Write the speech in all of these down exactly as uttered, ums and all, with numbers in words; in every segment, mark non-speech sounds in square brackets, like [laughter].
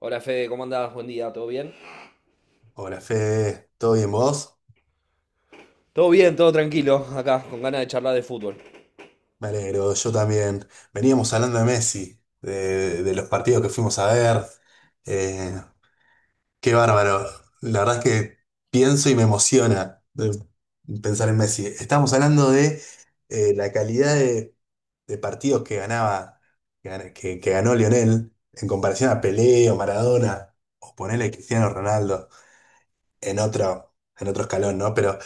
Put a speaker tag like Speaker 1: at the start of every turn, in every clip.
Speaker 1: Hola Fede, ¿cómo andás? Buen día, ¿todo bien?
Speaker 2: Hola Fede, ¿todo bien vos?
Speaker 1: Todo bien, todo tranquilo, acá, con ganas de charlar de fútbol,
Speaker 2: Me alegro, yo también. Veníamos hablando de Messi, de, de los partidos que fuimos a ver. Eh, Qué bárbaro. La verdad es que pienso y me emociona de pensar en Messi. Estamos hablando de eh, la calidad de, de partidos que ganaba, que, gan- que- que ganó Lionel en comparación a Pelé o Maradona, o ponerle Cristiano Ronaldo en otro, en otro escalón, ¿no? Pero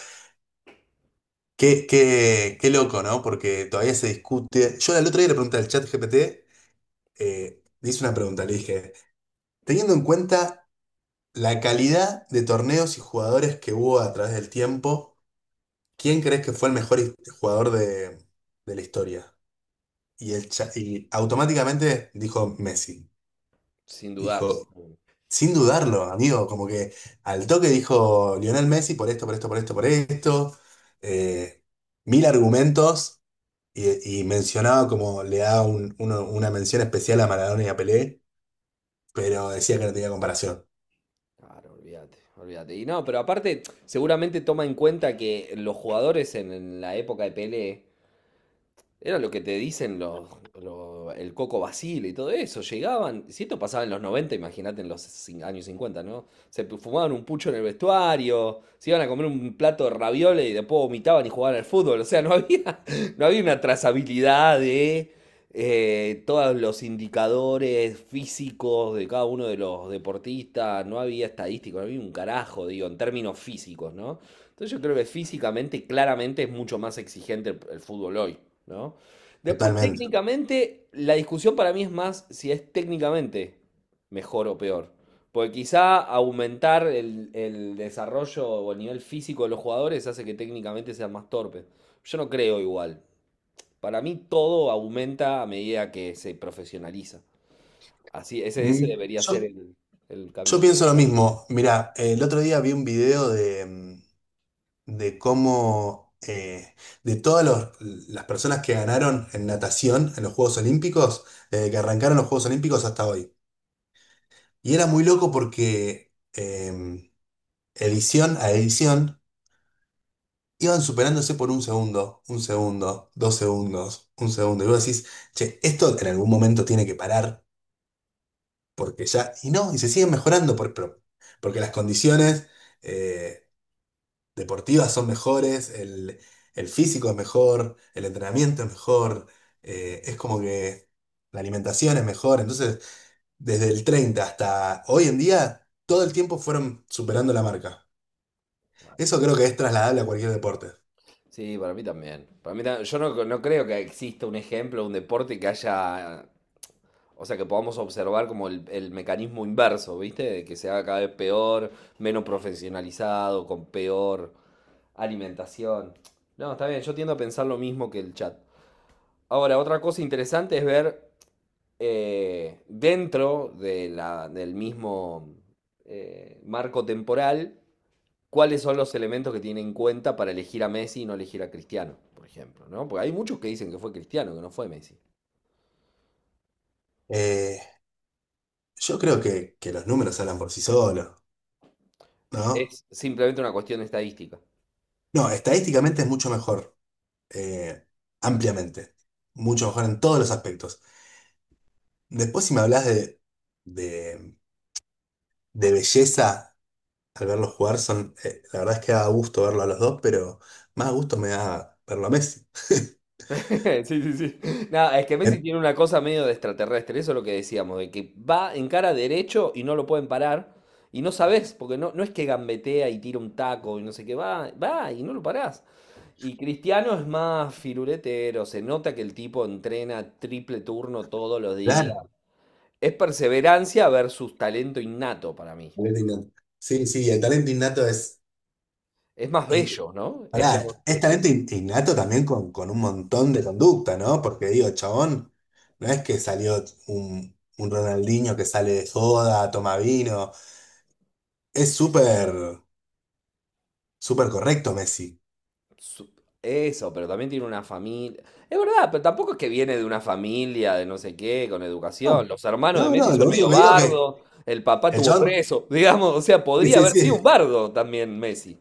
Speaker 2: Qué, qué, qué loco, ¿no? Porque todavía se discute. Yo el otro día le pregunté al chat G P T, eh, le hice una pregunta, le dije, teniendo en cuenta la calidad de torneos y jugadores que hubo a través del tiempo, ¿quién crees que fue el mejor his- jugador de, de la historia? Y, el cha- y automáticamente dijo Messi.
Speaker 1: sin dudarlo.
Speaker 2: Dijo, sin dudarlo, amigo, como que al toque dijo Lionel Messi por esto, por esto, por esto, por esto. eh, Mil argumentos. Y, y mencionaba como le daba un- uno- una mención especial a Maradona y a Pelé, pero decía que no tenía comparación.
Speaker 1: Claro, olvídate, olvídate. Y no, pero aparte, seguramente toma en cuenta que los jugadores en, en la época de Pelé era lo que te dicen los, lo- el Coco Basile y todo eso. Llegaban, si esto pasaba en los noventa imagínate en los cin- años cincuenta, ¿no? Se pu- fumaban un pucho en el vestuario, se iban a comer un plato de ravioles y después vomitaban y jugaban al fútbol. O sea, no había, [laughs] no había una trazabilidad de eh, todos los indicadores físicos de cada uno de los deportistas. No había estadísticos, no había un carajo, digo, en términos físicos, ¿no? Entonces yo creo que físicamente, claramente es mucho más exigente el, el fútbol hoy, ¿no? Después
Speaker 2: Totalmente.
Speaker 1: técnicamente, la discusión para mí es más si es técnicamente mejor o peor. Porque quizá aumentar el, el desarrollo o el nivel físico de los jugadores hace que técnicamente sean más torpes. Yo no creo igual. Para mí todo aumenta a medida que se profesionaliza. Así, ese, ese
Speaker 2: Mm,
Speaker 1: debería
Speaker 2: Yo,
Speaker 1: ser el, el
Speaker 2: yo
Speaker 1: camino.
Speaker 2: pienso lo mismo. Mirá, el otro día vi un video de, mm, de cómo, eh, de todas los- las personas que ganaron en natación en los Juegos Olímpicos, desde que arrancaron los Juegos Olímpicos hasta hoy. Y era muy loco porque em, edición a edición iban superándose por un segundo, un segundo, dos segundos, un segundo. Y vos decís, che, esto en algún momento tiene que parar, porque ya. Y no, y se siguen mejorando, por, por- porque las condiciones eh, deportivas son mejores, el, el físico es mejor, el entrenamiento es mejor, eh, es como que la alimentación es mejor. Entonces, desde el treinta hasta hoy en día, todo el tiempo fueron superando la marca. Eso creo que es trasladable a cualquier deporte.
Speaker 1: Sí, para mí también. Para mí ta- yo no, no creo que exista un ejemplo, un deporte que haya, o sea, que podamos observar como el, el mecanismo inverso, ¿viste? De que se haga cada vez peor, menos profesionalizado, con peor alimentación. No, está bien, yo tiendo a pensar lo mismo que el chat. Ahora, otra cosa interesante es ver eh, dentro de la, del mismo eh, marco temporal cuáles son los elementos que tiene en cuenta para elegir a Messi y no elegir a Cristiano, por ejemplo, ¿no? Porque hay muchos que dicen que fue Cristiano, que no fue Messi.
Speaker 2: Eh, Yo creo que, que los números hablan por sí solos, ¿no?
Speaker 1: Es simplemente una cuestión de estadística.
Speaker 2: No, estadísticamente es mucho mejor, eh, ampliamente, mucho mejor en todos los aspectos. Después, si me hablas de, de, de belleza al verlos jugar, son, eh, la verdad es que da gusto verlo a los dos, pero más gusto me da verlo a Messi. [laughs]
Speaker 1: [laughs] Sí, sí, sí. Nada, es que Messi tiene una cosa medio de extraterrestre, eso es lo que decíamos, de que va en cara derecho y no lo pueden parar. Y no sabés, porque no, no es que gambetea y tira un taco y no sé qué, va, va y no lo parás. Y Cristiano es más firuletero, se nota que el tipo entrena triple turno todos los días.
Speaker 2: Claro.
Speaker 1: Es perseverancia versus talento innato para mí.
Speaker 2: Talento innato. Sí, sí, el talento innato es...
Speaker 1: Es más
Speaker 2: Y eh,
Speaker 1: bello, ¿no? Es
Speaker 2: pará,
Speaker 1: como.
Speaker 2: es talento in- innato también con, con un montón de conducta, ¿no? Porque digo, chabón, no es que salió un, un Ronaldinho que sale de joda, toma vino. Es súper, súper correcto Messi.
Speaker 1: su- Eso, pero también tiene una familia. Es verdad, pero tampoco es que viene de una familia de no sé qué, con
Speaker 2: No,
Speaker 1: educación. Los hermanos de
Speaker 2: no,
Speaker 1: Messi
Speaker 2: no,
Speaker 1: son
Speaker 2: lo único
Speaker 1: medio
Speaker 2: que digo es que
Speaker 1: bardo, el papá
Speaker 2: el
Speaker 1: tuvo
Speaker 2: chabón,
Speaker 1: preso, [laughs] digamos, o sea,
Speaker 2: sí,
Speaker 1: podría
Speaker 2: sí,
Speaker 1: haber sido
Speaker 2: sí.
Speaker 1: un bardo también Messi.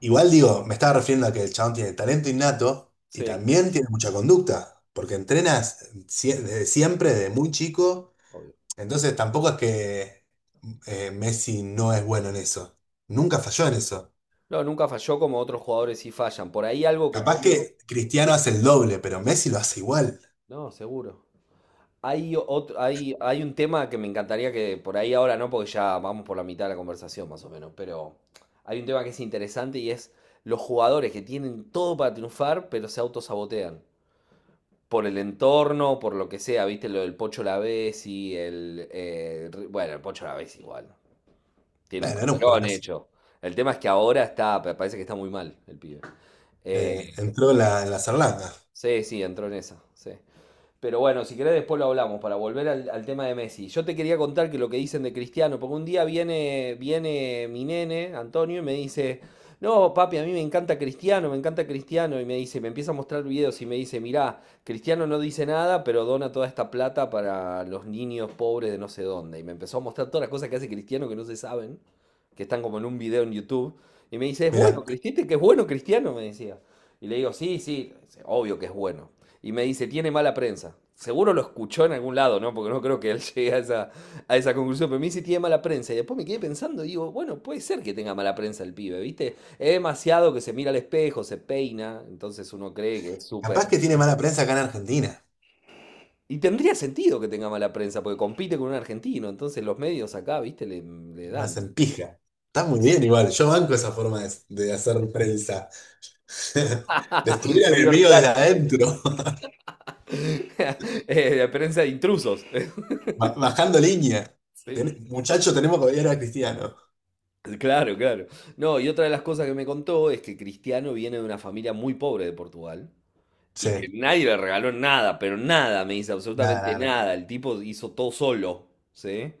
Speaker 2: Igual digo, me estaba refiriendo a que el chabón tiene talento innato y
Speaker 1: Sí,
Speaker 2: también tiene mucha conducta, porque entrenas sie- desde siempre, desde muy chico.
Speaker 1: obvio.
Speaker 2: Entonces tampoco es que eh, Messi no es bueno en eso. Nunca falló en eso.
Speaker 1: No, nunca falló como otros jugadores sí fallan. Por ahí algo que
Speaker 2: Capaz
Speaker 1: podemos.
Speaker 2: que Cristiano hace el doble, pero Messi lo hace igual.
Speaker 1: No, seguro. Hay, otro, hay, hay un tema que me encantaría que por ahí ahora no, porque ya vamos por la mitad de la conversación más o menos, pero hay un tema que es interesante y es los jugadores que tienen todo para triunfar, pero se autosabotean. Por el entorno, por lo que sea, viste lo del Pocho Lavezzi, el... eh, Ri- bueno, el Pocho Lavezzi igual, tiene un
Speaker 2: Bueno, era un
Speaker 1: carrerón
Speaker 2: jugadorazo.
Speaker 1: hecho. El tema es que ahora está, parece que está muy mal el pibe.
Speaker 2: Eh,
Speaker 1: Eh,
Speaker 2: entró en la, en la Sarlanda.
Speaker 1: sí, sí, entró en esa, sí. Pero bueno, si querés después lo hablamos para volver al, al tema de Messi. Yo te quería contar que lo que dicen de Cristiano, porque un día viene, viene mi nene, Antonio, y me dice, no, papi, a mí me encanta Cristiano, me encanta Cristiano, y me dice, me empieza a mostrar videos y me dice, mirá, Cristiano no dice nada, pero dona toda esta plata para los niños pobres de no sé dónde. Y me empezó a mostrar todas las cosas que hace Cristiano que no se saben, que están como en un video en YouTube. Y me dice, es bueno,
Speaker 2: Mira,
Speaker 1: Cristiano, que es bueno Cristiano, me decía. Y le digo, sí, sí, obvio que es bueno y me dice, tiene mala prensa. Seguro lo escuchó en algún lado, ¿no? Porque no creo que él [laughs] llegue a esa, a esa conclusión, pero me dice, tiene mala prensa. Y después me quedé pensando y digo, bueno, puede ser que tenga mala prensa el pibe, ¿viste? Es demasiado que se mira al espejo, se peina, entonces uno cree que es
Speaker 2: capaz
Speaker 1: súper.
Speaker 2: que tiene mala prensa acá en Argentina.
Speaker 1: Y tendría sentido que tenga mala prensa, porque compite con un argentino, entonces los medios acá, ¿viste? Le, le
Speaker 2: Lo
Speaker 1: dan.
Speaker 2: hacen pija. Está muy bien
Speaker 1: [laughs]
Speaker 2: igual. Yo banco esa forma de, de hacer prensa. [laughs] Destruir al
Speaker 1: Medio
Speaker 2: enemigo desde
Speaker 1: real.
Speaker 2: adentro.
Speaker 1: [laughs] Eh, la prensa de intrusos. [laughs]
Speaker 2: [laughs] Ba- Bajando línea.
Speaker 1: Sí.
Speaker 2: Ten- muchacho, tenemos que odiar a Cristiano.
Speaker 1: [laughs] Claro, claro. No, y otra de las cosas que me contó es que Cristiano viene de una familia muy pobre de Portugal y que
Speaker 2: Sí.
Speaker 1: nadie le regaló nada, pero nada, me dice
Speaker 2: Nada,
Speaker 1: absolutamente
Speaker 2: nada, nada.
Speaker 1: nada. El tipo hizo todo solo, ¿sí?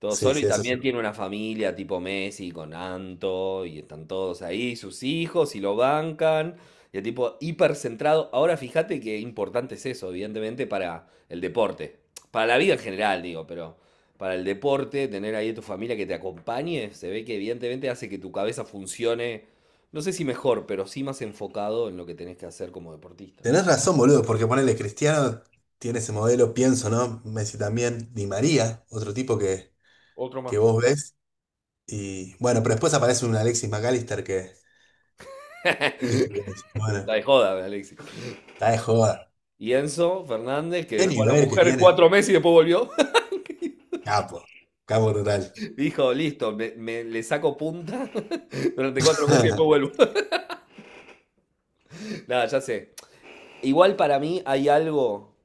Speaker 1: Todo
Speaker 2: Sí,
Speaker 1: solo
Speaker 2: sí,
Speaker 1: y
Speaker 2: eso sí.
Speaker 1: también tiene una familia tipo Messi con Anto y están todos ahí, sus hijos y lo bancan. Y el tipo hipercentrado. Ahora fíjate qué importante es eso, evidentemente, para el deporte. Para la vida en general, digo, pero para el deporte, tener ahí a tu familia que te acompañe, se ve que evidentemente hace que tu cabeza funcione, no sé si mejor, pero sí más enfocado en lo que tenés que hacer como deportista.
Speaker 2: Tenés razón, boludo, porque ponele Cristiano tiene ese modelo, pienso, ¿no? Messi también, Di María, otro tipo que,
Speaker 1: Otro
Speaker 2: que
Speaker 1: más.
Speaker 2: vos ves. Y bueno, pero después aparece un Alexis McAllister que,
Speaker 1: [laughs]
Speaker 2: viste, que
Speaker 1: Está
Speaker 2: dice, bueno,
Speaker 1: de joda, Alexis.
Speaker 2: está de joda.
Speaker 1: Y Enzo Fernández, que
Speaker 2: ¿Qué
Speaker 1: dejó a la
Speaker 2: nivel que
Speaker 1: mujer
Speaker 2: tiene?
Speaker 1: cuatro meses y después volvió,
Speaker 2: Capo, capo total.
Speaker 1: [laughs] dijo, listo, me, me- le saco punta [laughs] durante cuatro meses y después
Speaker 2: [laughs]
Speaker 1: vuelvo. [laughs] Nada, ya sé. Igual para mí hay algo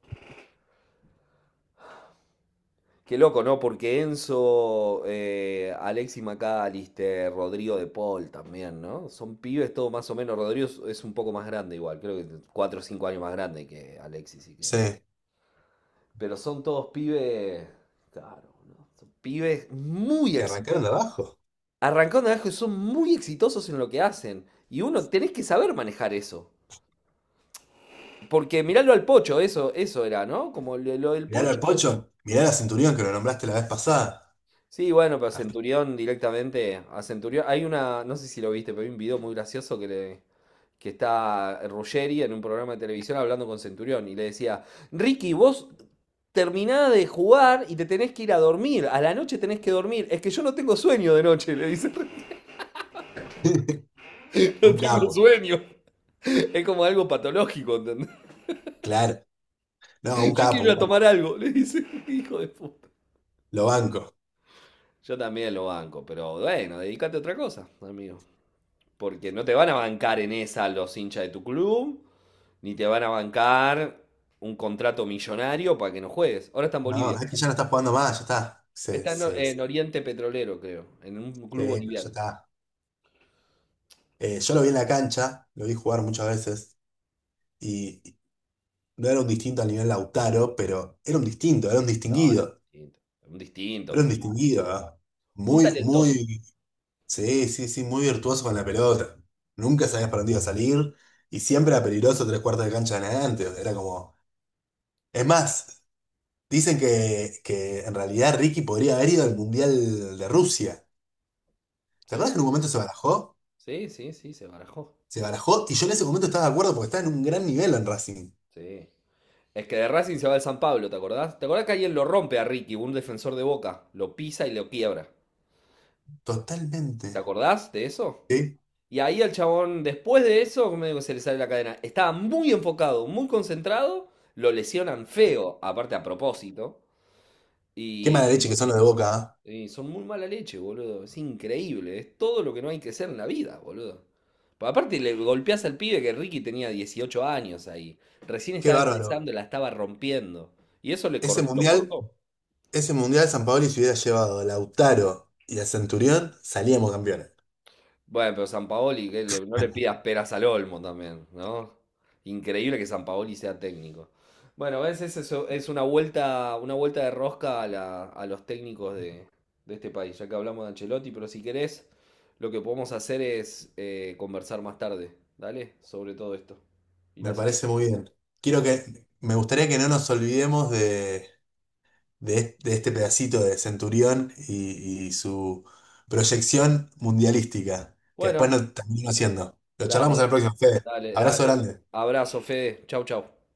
Speaker 1: que loco, ¿no? Porque Enzo, eh, Alexis McAllister, Rodrigo de Paul también, ¿no? Son pibes todo más o menos. Rodrigo es es un poco más grande igual, creo que cuatro o cinco años más grande que Alexis. Y que.
Speaker 2: Sí,
Speaker 1: Pero son todos pibes, claro, ¿no? Son pibes muy
Speaker 2: que arrancaron
Speaker 1: exitosos
Speaker 2: de abajo.
Speaker 1: arrancando, de abajo y son muy exitosos en lo que hacen. Y uno tenés que saber manejar eso. Porque mirarlo al Pocho, eso, eso era, ¿no? Como lo, lo del
Speaker 2: Mirá al
Speaker 1: Pocho.
Speaker 2: Pocho, mirá a Centurión que lo nombraste la vez pasada.
Speaker 1: Sí, bueno, pero Centurión directamente. A Centurión. Hay una. No sé si lo viste, pero hay un video muy gracioso que le. Que está Ruggeri en un programa de televisión hablando con Centurión. Y le decía, Ricky, vos terminás de jugar y te tenés que ir a dormir. A la noche tenés que dormir. Es que yo no tengo sueño de noche, le dice. [laughs]
Speaker 2: [laughs]
Speaker 1: No
Speaker 2: Un
Speaker 1: tengo
Speaker 2: capo,
Speaker 1: sueño. Es como algo patológico, ¿entendés?
Speaker 2: claro. No, un
Speaker 1: Yo
Speaker 2: capo,
Speaker 1: quiero ir
Speaker 2: un
Speaker 1: a tomar
Speaker 2: capo.
Speaker 1: algo, le dice, [laughs] hijo de puta.
Speaker 2: Lo banco.
Speaker 1: Yo también lo banco, pero bueno, dedícate a otra cosa, amigo. Porque no te van a bancar en esa los hinchas de tu club, ni te van a bancar un contrato millonario para que no juegues. Ahora está en
Speaker 2: No,
Speaker 1: Bolivia.
Speaker 2: es que ya no está jugando más, ya está. Se,
Speaker 1: Está en, Or-
Speaker 2: se, se
Speaker 1: en Oriente Petrolero, creo, en
Speaker 2: Sí,
Speaker 1: un club
Speaker 2: pero ya
Speaker 1: boliviano.
Speaker 2: está. Eh, yo lo vi en la cancha, lo vi jugar muchas veces y y no era un distinto al nivel Lautaro, pero era un distinto, era un
Speaker 1: No, no,
Speaker 2: distinguido,
Speaker 1: distinto. Un distinto
Speaker 2: era un
Speaker 1: total.
Speaker 2: distinguido, ¿ah?
Speaker 1: Un
Speaker 2: Muy,
Speaker 1: talentoso,
Speaker 2: muy, sí, sí, sí, muy virtuoso con la pelota. Nunca sabías para dónde iba a salir y siempre era peligroso tres cuartos de cancha en adelante. Era como, es más, dicen que, que en realidad Ricky podría haber ido al Mundial de Rusia. ¿Te acuerdas que en un
Speaker 1: seguro.
Speaker 2: momento se barajó?
Speaker 1: Sí, sí, sí, se barajó.
Speaker 2: Se barajó y yo en ese momento estaba de acuerdo porque estaba en un gran nivel en Racing.
Speaker 1: Sí. Es que de Racing se va al San Pablo, ¿te acordás? ¿Te acordás que alguien lo rompe a Ricky, un defensor de Boca? Lo pisa y lo quiebra.
Speaker 2: Totalmente.
Speaker 1: ¿Te acordás de eso?
Speaker 2: ¿Sí?
Speaker 1: Y ahí el chabón, después de eso, como digo, se le sale la cadena. Estaba muy enfocado, muy concentrado. Lo lesionan feo, aparte a propósito.
Speaker 2: Qué mala
Speaker 1: Y,
Speaker 2: leche que son los de Boca, ¿ah?
Speaker 1: y son muy mala leche, boludo. Es increíble. Es todo lo que no hay que ser en la vida, boludo. Pero aparte le golpeás al pibe que Ricky tenía dieciocho años ahí. Recién
Speaker 2: Qué
Speaker 1: estaba
Speaker 2: bárbaro.
Speaker 1: empezando, la estaba rompiendo. Y eso le
Speaker 2: Ese
Speaker 1: cor- lo
Speaker 2: mundial,
Speaker 1: cortó.
Speaker 2: ese mundial San Paoli se hubiera llevado a Lautaro y a Centurión, salíamos campeones.
Speaker 1: Bueno, pero Sampaoli, que le- no le pidas peras al olmo también, ¿no? Increíble que Sampaoli sea técnico. Bueno, ves, es eso, es una vuelta, una vuelta de rosca a, la- a los técnicos de, de este país, ya que hablamos de Ancelotti, pero si querés, lo que podemos hacer es eh, conversar más tarde, ¿dale? Sobre todo esto. Y la
Speaker 2: Me parece
Speaker 1: seguimos.
Speaker 2: muy bien. Quiero que, me gustaría que no nos olvidemos de, de, est- de este pedacito de Centurión y, y su proyección mundialística, que después
Speaker 1: Bueno,
Speaker 2: nos terminó haciendo. Lo charlamos en la
Speaker 1: dale,
Speaker 2: próxima, Fede.
Speaker 1: dale,
Speaker 2: Abrazo
Speaker 1: dale.
Speaker 2: grande.
Speaker 1: Abrazo, Fede. Chau, chau.